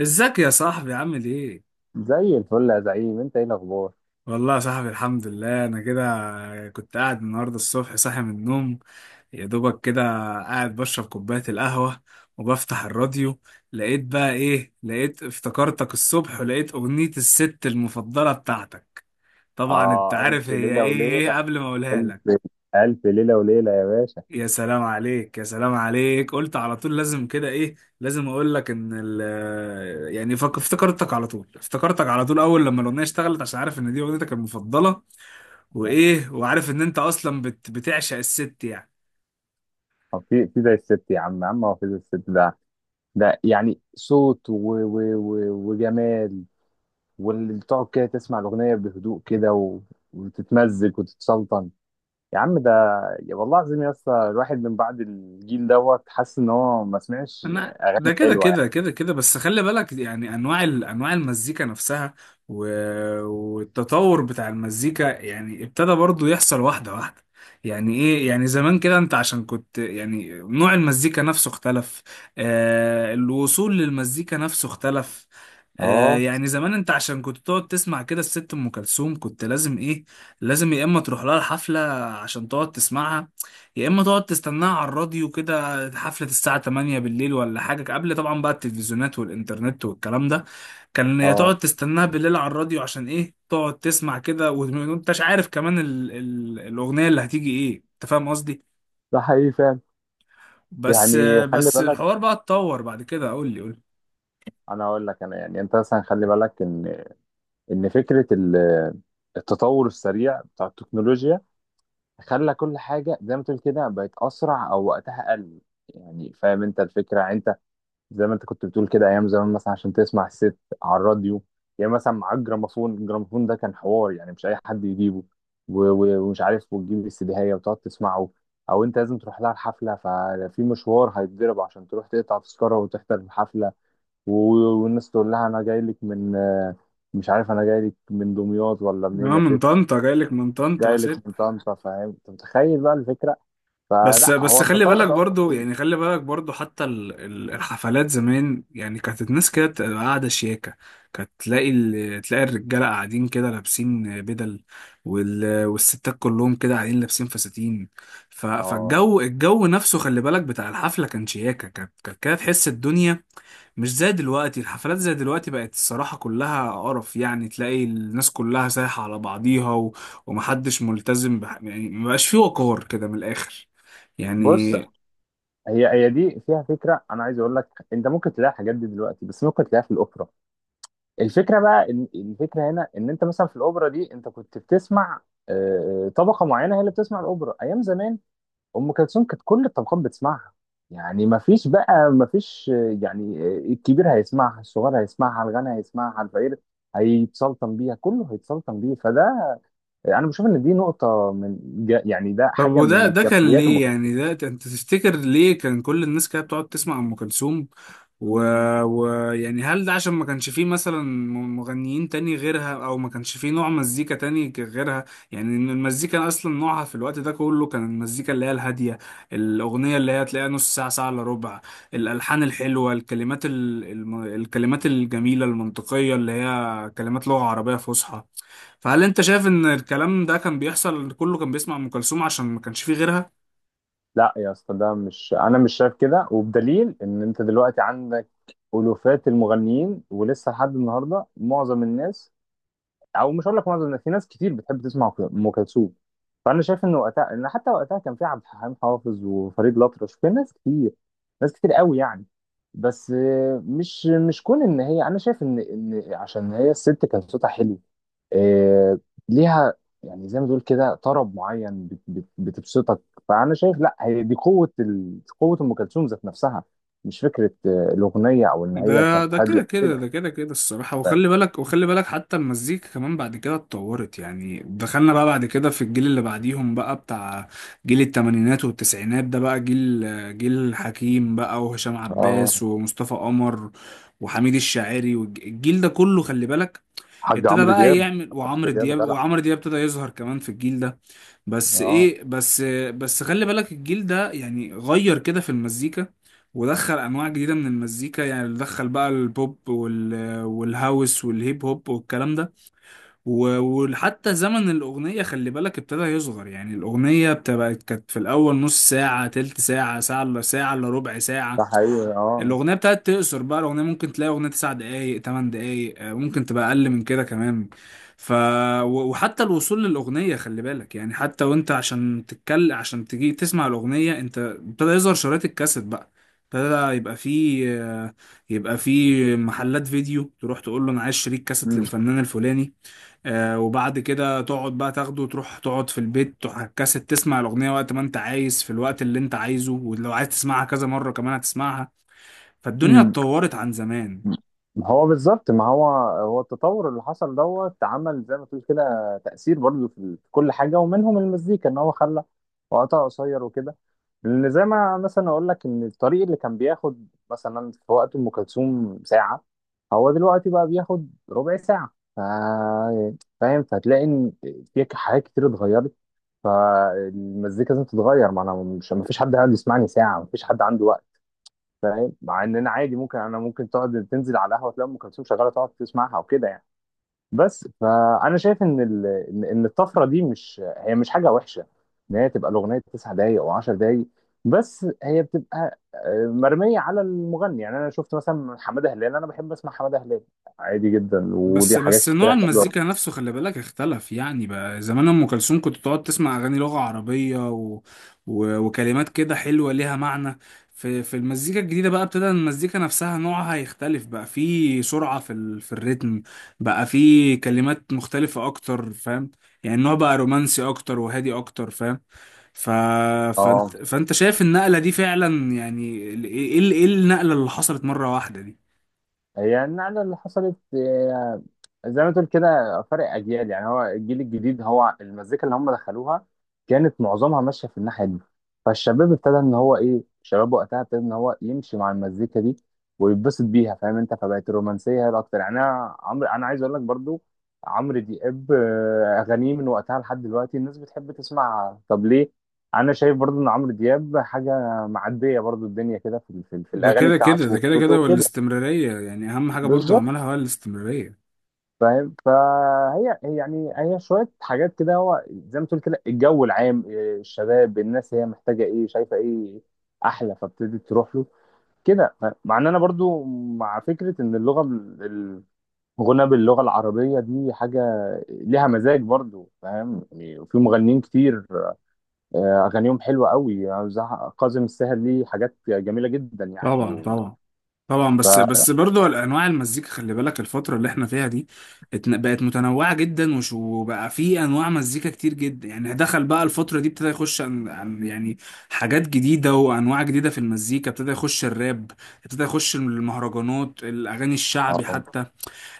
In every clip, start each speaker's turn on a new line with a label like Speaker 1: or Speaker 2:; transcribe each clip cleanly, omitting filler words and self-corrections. Speaker 1: ازيك يا صاحبي؟ عامل ايه؟
Speaker 2: زي الفل يا زعيم، انت ايه الاخبار؟
Speaker 1: والله يا صاحبي الحمد لله انا كده كنت قاعد النهارده الصبح صاحي من النوم، يا دوبك كده قاعد بشرب كوباية القهوة وبفتح الراديو. لقيت بقى ايه؟ لقيت افتكرتك الصبح، ولقيت اغنية الست المفضلة بتاعتك. طبعا انت
Speaker 2: اه،
Speaker 1: عارف
Speaker 2: الف
Speaker 1: هي
Speaker 2: ليله
Speaker 1: ايه
Speaker 2: وليله.
Speaker 1: إيه قبل ما اقولها
Speaker 2: الف
Speaker 1: لك.
Speaker 2: الف ليله وليله يا باشا.
Speaker 1: يا سلام عليك، يا سلام عليك. قلت على طول لازم كده، ايه لازم اقول لك ان ال آه، يعني فك- افتكرتك على طول، افتكرتك على طول، اول لما الاغنيه اشتغلت، عشان عارف ان دي اغنيتك المفضله. وايه، وعارف ان انت اصلا بتعشق الست يعني.
Speaker 2: طب في زي الست يا عم، يا عم هو في زي الست ده؟ ده يعني صوت و وجمال، واللي بتقعد كده تسمع الاغنيه بهدوء كده وتتمزج وتتسلطن. يا عم ده، يا والله العظيم يا اسطى، الواحد من بعد الجيل دوت حاسس ان هو ما سمعش.
Speaker 1: انا ده كده
Speaker 2: حلوه يعني.
Speaker 1: كده كده كده بس خلي بالك يعني انواع انواع المزيكا نفسها. و... والتطور بتاع المزيكا يعني ابتدى برضو يحصل واحده واحده. يعني ايه، يعني زمان كده انت عشان كنت يعني نوع المزيكا نفسه اختلف، آه الوصول للمزيكا نفسه اختلف. آه
Speaker 2: اه.
Speaker 1: يعني زمان انت عشان كنت تقعد تسمع كده الست ام كلثوم، كنت لازم ايه؟ لازم يا اما تروح لها الحفله عشان تقعد تسمعها، يا اما تقعد تستناها على الراديو كده، حفله الساعه 8 بالليل ولا حاجه. قبل طبعا بقى التلفزيونات والانترنت والكلام ده، كان يا
Speaker 2: اه
Speaker 1: تقعد تستناها بالليل على الراديو عشان ايه، تقعد تسمع كده وانتش عارف كمان ال الاغنيه اللي هتيجي ايه. انت فاهم قصدي.
Speaker 2: ده حقيقي فعلا.
Speaker 1: بس
Speaker 2: يعني خلي
Speaker 1: بس
Speaker 2: بالك،
Speaker 1: الحوار بقى اتطور بعد كده. قول لي، قول لي.
Speaker 2: انا اقول لك، انا يعني انت مثلا خلي بالك ان ان فكره ال- التطور السريع بتاع التكنولوجيا خلى كل حاجه زي ما تقول كده بقت اسرع، او وقتها قل. يعني فاهم انت الفكره؟ يعني انت زي ما انت كنت بتقول كده، ايام زمان مثلا عشان تسمع الست على الراديو، يعني مثلا معاك جراموفون، الجراموفون ده كان حوار يعني مش اي حد يجيبه. ومش عارف وتجيب السيديهيه وتقعد تسمعه، او انت لازم تروح لها الحفله، ففي مشوار هيتضرب عشان تروح تقطع تذكره وتحضر الحفله. والناس تقول لها انا جاي لك من مش عارف، انا جاي لك من دمياط ولا منين
Speaker 1: اه
Speaker 2: يا
Speaker 1: من
Speaker 2: ست.
Speaker 1: طنطا، جايلك من طنطا
Speaker 2: جاي
Speaker 1: يا
Speaker 2: لك
Speaker 1: ست.
Speaker 2: من طنطا. فاهم انت؟ متخيل بقى الفكره؟
Speaker 1: بس
Speaker 2: فلا هو
Speaker 1: بس خلي
Speaker 2: التطور
Speaker 1: بالك
Speaker 2: ده
Speaker 1: برضو،
Speaker 2: اصلا.
Speaker 1: يعني خلي بالك برضو حتى الحفلات زمان يعني كانت الناس كده بتبقى قاعدة شياكة. كانت تلاقي تلاقي الرجالة قاعدين كده لابسين بدل، والستات كلهم كده قاعدين لابسين فساتين. ف-
Speaker 2: اه.
Speaker 1: فالجو، الجو نفسه خلي بالك بتاع الحفلة كان شياكة. كانت كده تحس الدنيا مش زي دلوقتي. الحفلات زي دلوقتي بقت الصراحة كلها قرف، يعني تلاقي الناس كلها سايحة على بعضيها، ومحدش ملتزم يعني مبقاش فيه وقار كده، من الآخر
Speaker 2: بص،
Speaker 1: يعني.
Speaker 2: هي دي فيها فكره انا عايز اقول لك. انت ممكن تلاقي الحاجات دي دلوقتي، بس ممكن تلاقيها في الاوبرا. الفكره بقى إن الفكره هنا ان انت مثلا في الاوبرا دي انت كنت بتسمع طبقه معينه هي اللي بتسمع الاوبرا ايام زمان. ام كلثوم كانت كل الطبقات بتسمعها. يعني ما فيش يعني، الكبير هيسمعها، الصغير هيسمعها، الغني هيسمعها، الفقير هيتسلطن بيها، كله هيتسلطن بيه. فده انا بشوف ان دي نقطه من ده
Speaker 1: طب
Speaker 2: حاجه
Speaker 1: وده
Speaker 2: من
Speaker 1: ده كان
Speaker 2: جماليات ام
Speaker 1: ليه
Speaker 2: كلثوم.
Speaker 1: يعني، انت تفتكر ليه كان كل الناس كده بتقعد تسمع ام كلثوم؟ و... و يعني هل ده عشان ما كانش فيه مثلا مغنيين تاني غيرها، او ما كانش فيه نوع مزيكا تاني غيرها؟ يعني إن المزيكا اصلا نوعها في الوقت ده كله كان المزيكا اللي هي الهادية. الاغنية اللي هي تلاقيها نص ساعة، ساعة الا ربع، الالحان الحلوة، الكلمات الكلمات الجميلة المنطقية اللي هي كلمات لغة عربية فصحى. فهل انت شايف ان الكلام ده كان بيحصل، كله كان بيسمع ام كلثوم عشان ما كانش فيه غيرها؟
Speaker 2: لا يا اسطى، ده مش، انا مش شايف كده. وبدليل ان انت دلوقتي عندك الوفات المغنيين، ولسه لحد النهارده معظم الناس، او مش هقول لك معظم الناس، في ناس كتير بتحب تسمع ام كلثوم. فانا شايف ان وقتها، ان حتى وقتها كان في عبد الحليم حافظ وفريد الأطرش، في ناس كتير، ناس كتير قوي يعني. بس مش مش كون ان هي، انا شايف ان ان عشان هي الست كان صوتها حلو، آه، ليها يعني زي ما تقول كده طرب معين بتبسطك. فانا شايف لا، هي دي قوه قوه ام كلثوم ذات نفسها، مش فكره الاغنيه او ان هي
Speaker 1: ده
Speaker 2: كانت
Speaker 1: ده
Speaker 2: هاديه
Speaker 1: كده كده
Speaker 2: كده.
Speaker 1: ده كده كده الصراحة.
Speaker 2: ف-
Speaker 1: وخلي بالك حتى المزيكا كمان بعد كده اتطورت، يعني دخلنا بقى بعد كده في الجيل اللي بعديهم بقى بتاع جيل التمانينات والتسعينات. ده بقى جيل حكيم بقى، وهشام
Speaker 2: اه،
Speaker 1: عباس، ومصطفى قمر، وحميد الشاعري، والجيل ده كله خلي بالك
Speaker 2: حاج
Speaker 1: ابتدى
Speaker 2: عمرو
Speaker 1: بقى
Speaker 2: دياب.
Speaker 1: يعمل.
Speaker 2: عمرو
Speaker 1: وعمرو
Speaker 2: دياب
Speaker 1: دياب
Speaker 2: غنى.
Speaker 1: وعمرو دياب ابتدى يظهر كمان في الجيل ده. بس
Speaker 2: اه.
Speaker 1: ايه، بس خلي بالك الجيل ده يعني غير كده في المزيكا، ودخل انواع جديده من المزيكا. يعني دخل بقى البوب، والهاوس، والهيب هوب، والكلام ده. وحتى زمن الاغنيه خلي بالك ابتدى يصغر. يعني الاغنيه بتبقى كانت في الاول نص ساعه، تلت ساعه، ساعه الا ربع
Speaker 2: ده
Speaker 1: ساعه.
Speaker 2: حقيقي اه.
Speaker 1: الاغنيه بتاعت تقصر بقى. الاغنيه ممكن تلاقي اغنيه تسع دقايق، تمن دقايق، ممكن تبقى اقل من كده كمان. ف وحتى الوصول للاغنيه خلي بالك يعني، حتى وانت عشان تتكل عشان تجي تسمع الاغنيه، انت ابتدى يظهر شرايط الكاسيت بقى. ابتدى يبقى فيه يبقى فيه محلات فيديو تروح تقول له انا عايز شريط كاسيت
Speaker 2: مم.
Speaker 1: للفنان الفلاني. آه وبعد كده تقعد بقى تاخده وتروح تقعد في البيت، تروح على الكاسيت تسمع الاغنيه وقت ما انت عايز، في الوقت اللي انت عايزه، ولو عايز تسمعها كذا مره كمان هتسمعها. فالدنيا
Speaker 2: مم.
Speaker 1: اتطورت عن زمان.
Speaker 2: هو بالظبط. ما هو هو التطور اللي حصل دوت عمل زي ما تقول كده تأثير برضه في كل حاجة، ومنهم المزيكا، ان هو خلى وقتها قصير وكده. لان زي ما مثلا اقول لك ان الطريق اللي كان بياخد مثلا في وقت ام كلثوم ساعة، هو دلوقتي بقى بياخد ربع ساعة. فاهم؟ فهتلاقي ان في حاجات كتير اتغيرت، فالمزيكا لازم تتغير. ما انا مش، ما فيش حد قاعد يسمعني ساعة، ما فيش حد عنده وقت. فاهم؟ مع ان انا عادي، ممكن انا ممكن تقعد تنزل على القهوه تلاقي ام كلثوم شغاله تقعد تسمعها وكده يعني. بس فانا شايف ان إن الطفره دي مش، هي مش حاجه وحشه ان هي تبقى الاغنيه 9 دقائق او 10 دقائق. بس هي بتبقى مرميه على المغني. يعني انا شفت مثلا حماده هلال، انا بحب اسمع حماده هلال عادي جدا، وليه
Speaker 1: بس
Speaker 2: حاجات
Speaker 1: نوع
Speaker 2: كتير حلوه.
Speaker 1: المزيكا نفسه خلي بالك اختلف. يعني بقى زمان ام كلثوم كنت تقعد تسمع اغاني لغة عربية وكلمات كده حلوة ليها معنى. في المزيكا الجديدة بقى ابتدى المزيكا نفسها نوعها يختلف، بقى في سرعة في في الريتم، بقى في كلمات مختلفة اكتر، فاهم؟ يعني النوع بقى رومانسي اكتر وهادي اكتر، فاهم؟ ف...
Speaker 2: اه،
Speaker 1: فانت شايف النقلة دي فعلا يعني ايه؟ إيه النقلة اللي حصلت مرة واحدة دي؟
Speaker 2: هي النقلة اللي حصلت زي ما تقول كده فرق أجيال. يعني هو الجيل الجديد، هو المزيكا اللي هم دخلوها كانت معظمها ماشية في الناحية دي، فالشباب ابتدى إن هو إيه، الشباب وقتها ابتدى إن هو يمشي مع المزيكا دي ويتبسط بيها. فاهم أنت؟ فبقت الرومانسية هي الأكتر. يعني أنا عايز أقول لك برضو عمرو دياب، أغانيه من وقتها لحد دلوقتي الناس بتحب تسمعها، طب ليه؟ أنا شايف برضو إن عمرو دياب حاجة معدية برضو الدنيا كده، في
Speaker 1: ده
Speaker 2: الأغاني
Speaker 1: كده كده
Speaker 2: بتاعته
Speaker 1: ده كده
Speaker 2: وصوته
Speaker 1: كده
Speaker 2: وكده.
Speaker 1: والاستمرارية يعني أهم حاجة برضو
Speaker 2: بالظبط.
Speaker 1: عملها هو الاستمرارية.
Speaker 2: فاهم؟ فهي يعني هي شويه حاجات كده، هو زي ما تقول كده الجو العام الشباب الناس هي محتاجه ايه، شايفه ايه احلى، فابتدت تروح له كده. مع ان انا برضو مع فكره ان الغنى باللغه العربيه دي حاجه ليها مزاج برضو. فاهم يعني؟ وفي مغنيين كتير اغانيهم حلوه قوي، يعني زي كاظم الساهر، ليه حاجات جميله جدا يعني.
Speaker 1: طبعا
Speaker 2: و...
Speaker 1: طبعا، طبعا.
Speaker 2: ف...
Speaker 1: بس برضو أنواع المزيكا خلي بالك الفترة اللي احنا فيها دي بقت متنوعة جدا، وبقى في أنواع مزيكا كتير جدا. يعني دخل بقى الفترة دي ابتدى يخش يعني حاجات جديدة وأنواع جديدة في المزيكا. ابتدى يخش الراب، ابتدى يخش المهرجانات، الأغاني الشعبي
Speaker 2: آه.
Speaker 1: حتى.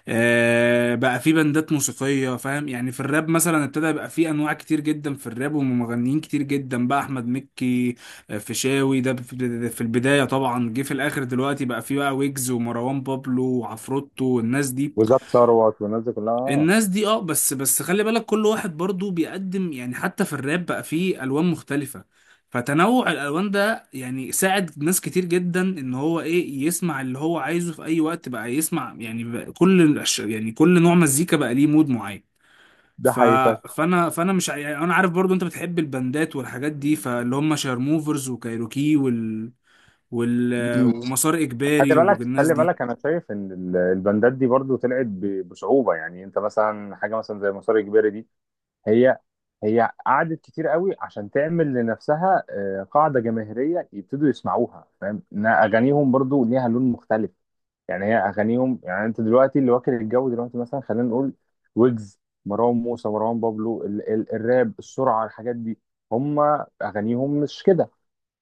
Speaker 1: بقى في بندات موسيقية، فاهم؟ يعني في الراب مثلا ابتدى يبقى في انواع كتير جدا. في الراب ومغنيين كتير جدا بقى، احمد مكي، فيشاوي ده في البداية طبعا، جه في الاخر دلوقتي بقى في، بقى ويجز، ومروان بابلو، وعفروتو، والناس دي.
Speaker 2: وزاد ثروت والناس دي كلها.
Speaker 1: الناس دي اه. بس خلي بالك كل واحد برضو بيقدم، يعني حتى في الراب بقى فيه الوان مختلفة. فتنوع الالوان ده يعني ساعد ناس كتير جدا ان هو ايه، يسمع اللي هو عايزه في اي وقت بقى يسمع. يعني بقى كل يعني كل نوع مزيكا بقى ليه مود معين.
Speaker 2: ده
Speaker 1: ف
Speaker 2: حقيقي.
Speaker 1: فانا فانا مش ع- يعني انا عارف برضو انت بتحب البندات والحاجات دي، فاللي هم شارموفرز، وكايروكي، وال وال ومسار
Speaker 2: خلي
Speaker 1: اجباري
Speaker 2: بالك،
Speaker 1: والناس دي.
Speaker 2: انا شايف ان البندات دي برضو طلعت بصعوبه. يعني انت مثلا حاجه مثلا زي مسار اجباري دي، هي هي قعدت كتير قوي عشان تعمل لنفسها قاعده جماهيريه يبتدوا يسمعوها. فاهم؟ ان اغانيهم برضو ليها لون مختلف. يعني هي اغانيهم، يعني انت دلوقتي اللي واكل الجو دلوقتي مثلا، خلينا نقول ويجز، مروان موسى، مروان بابلو، ال ال الراب، السرعه، الحاجات دي، هم اغانيهم مش كده.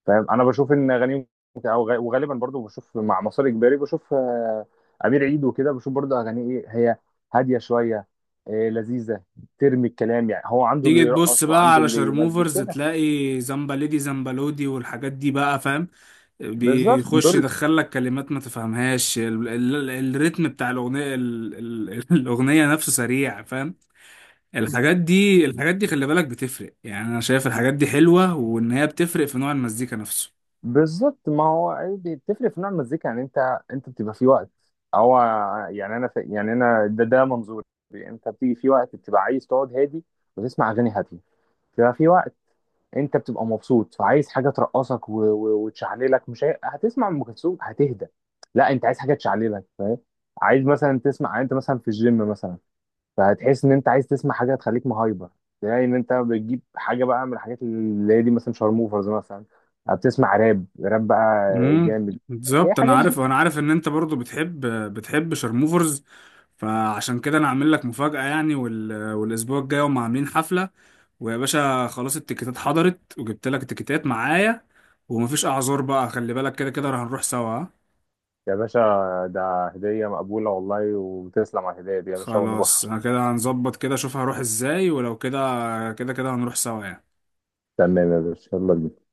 Speaker 2: فاهم؟ انا بشوف ان وغالبا برضو بشوف مع مسار اجباري بشوف امير عيد وكده، بشوف برضو اغانيه ايه، هي هاديه شويه، لذيذه، ترمي الكلام. يعني هو عنده اللي
Speaker 1: تيجي تبص
Speaker 2: يرقص
Speaker 1: بقى
Speaker 2: وعنده
Speaker 1: على
Speaker 2: اللي يمزج
Speaker 1: شارموفرز
Speaker 2: كده.
Speaker 1: تلاقي زمبلدي زمبلودي والحاجات دي بقى، فاهم؟
Speaker 2: بالظبط
Speaker 1: بيخش
Speaker 2: دول-
Speaker 1: يدخل لك كلمات ما تفهمهاش، ال الريتم بتاع الأغنية ال الأغنية نفسه سريع، فاهم؟ الحاجات دي خلي بالك بتفرق. يعني أنا شايف الحاجات دي حلوة وإن هي بتفرق في نوع المزيكا نفسه.
Speaker 2: بالظبط. ما هو عادي بتفرق في نوع المزيكا. يعني انت بتبقى في وقت، هو يعني انا في، يعني انا ده ده منظوري. انت بتيجي في وقت بتبقى عايز تقعد هادي وتسمع اغاني هاديه، بيبقى في وقت انت بتبقى مبسوط، فعايز حاجه ترقصك وتشعللك. مش هي، هتسمع ام كلثوم هتهدى، لا انت عايز حاجه تشعللك. فاهم؟ عايز مثلا تسمع، يعني انت مثلا في الجيم مثلا، فهتحس ان انت عايز تسمع حاجه تخليك مهايبر. يعني ان انت بتجيب حاجه بقى من الحاجات اللي هي دي، مثلا شارموفرز مثلا، بتسمع راب. راب بقى
Speaker 1: امم
Speaker 2: جامد كده،
Speaker 1: بالظبط.
Speaker 2: حاجات
Speaker 1: انا
Speaker 2: دي.
Speaker 1: عارف وانا عارف ان انت برضو بتحب شارموفرز. فعشان كده انا عامل لك مفاجأة يعني، والاسبوع الجاي هم عاملين حفلة، ويا باشا خلاص التيكيتات حضرت، وجبت لك التيكيتات معايا، ومفيش اعذار بقى خلي بالك، كده كده هنروح سوا. ها؟
Speaker 2: يا باشا، ده هديه مقبوله والله، وتسلم على الهديه دي يا باشا، ونروح.
Speaker 1: خلاص انا كده هنظبط كده اشوف هروح ازاي، ولو كده كده كده هنروح سوا يعني.
Speaker 2: تمام يا باشا، يلا بينا.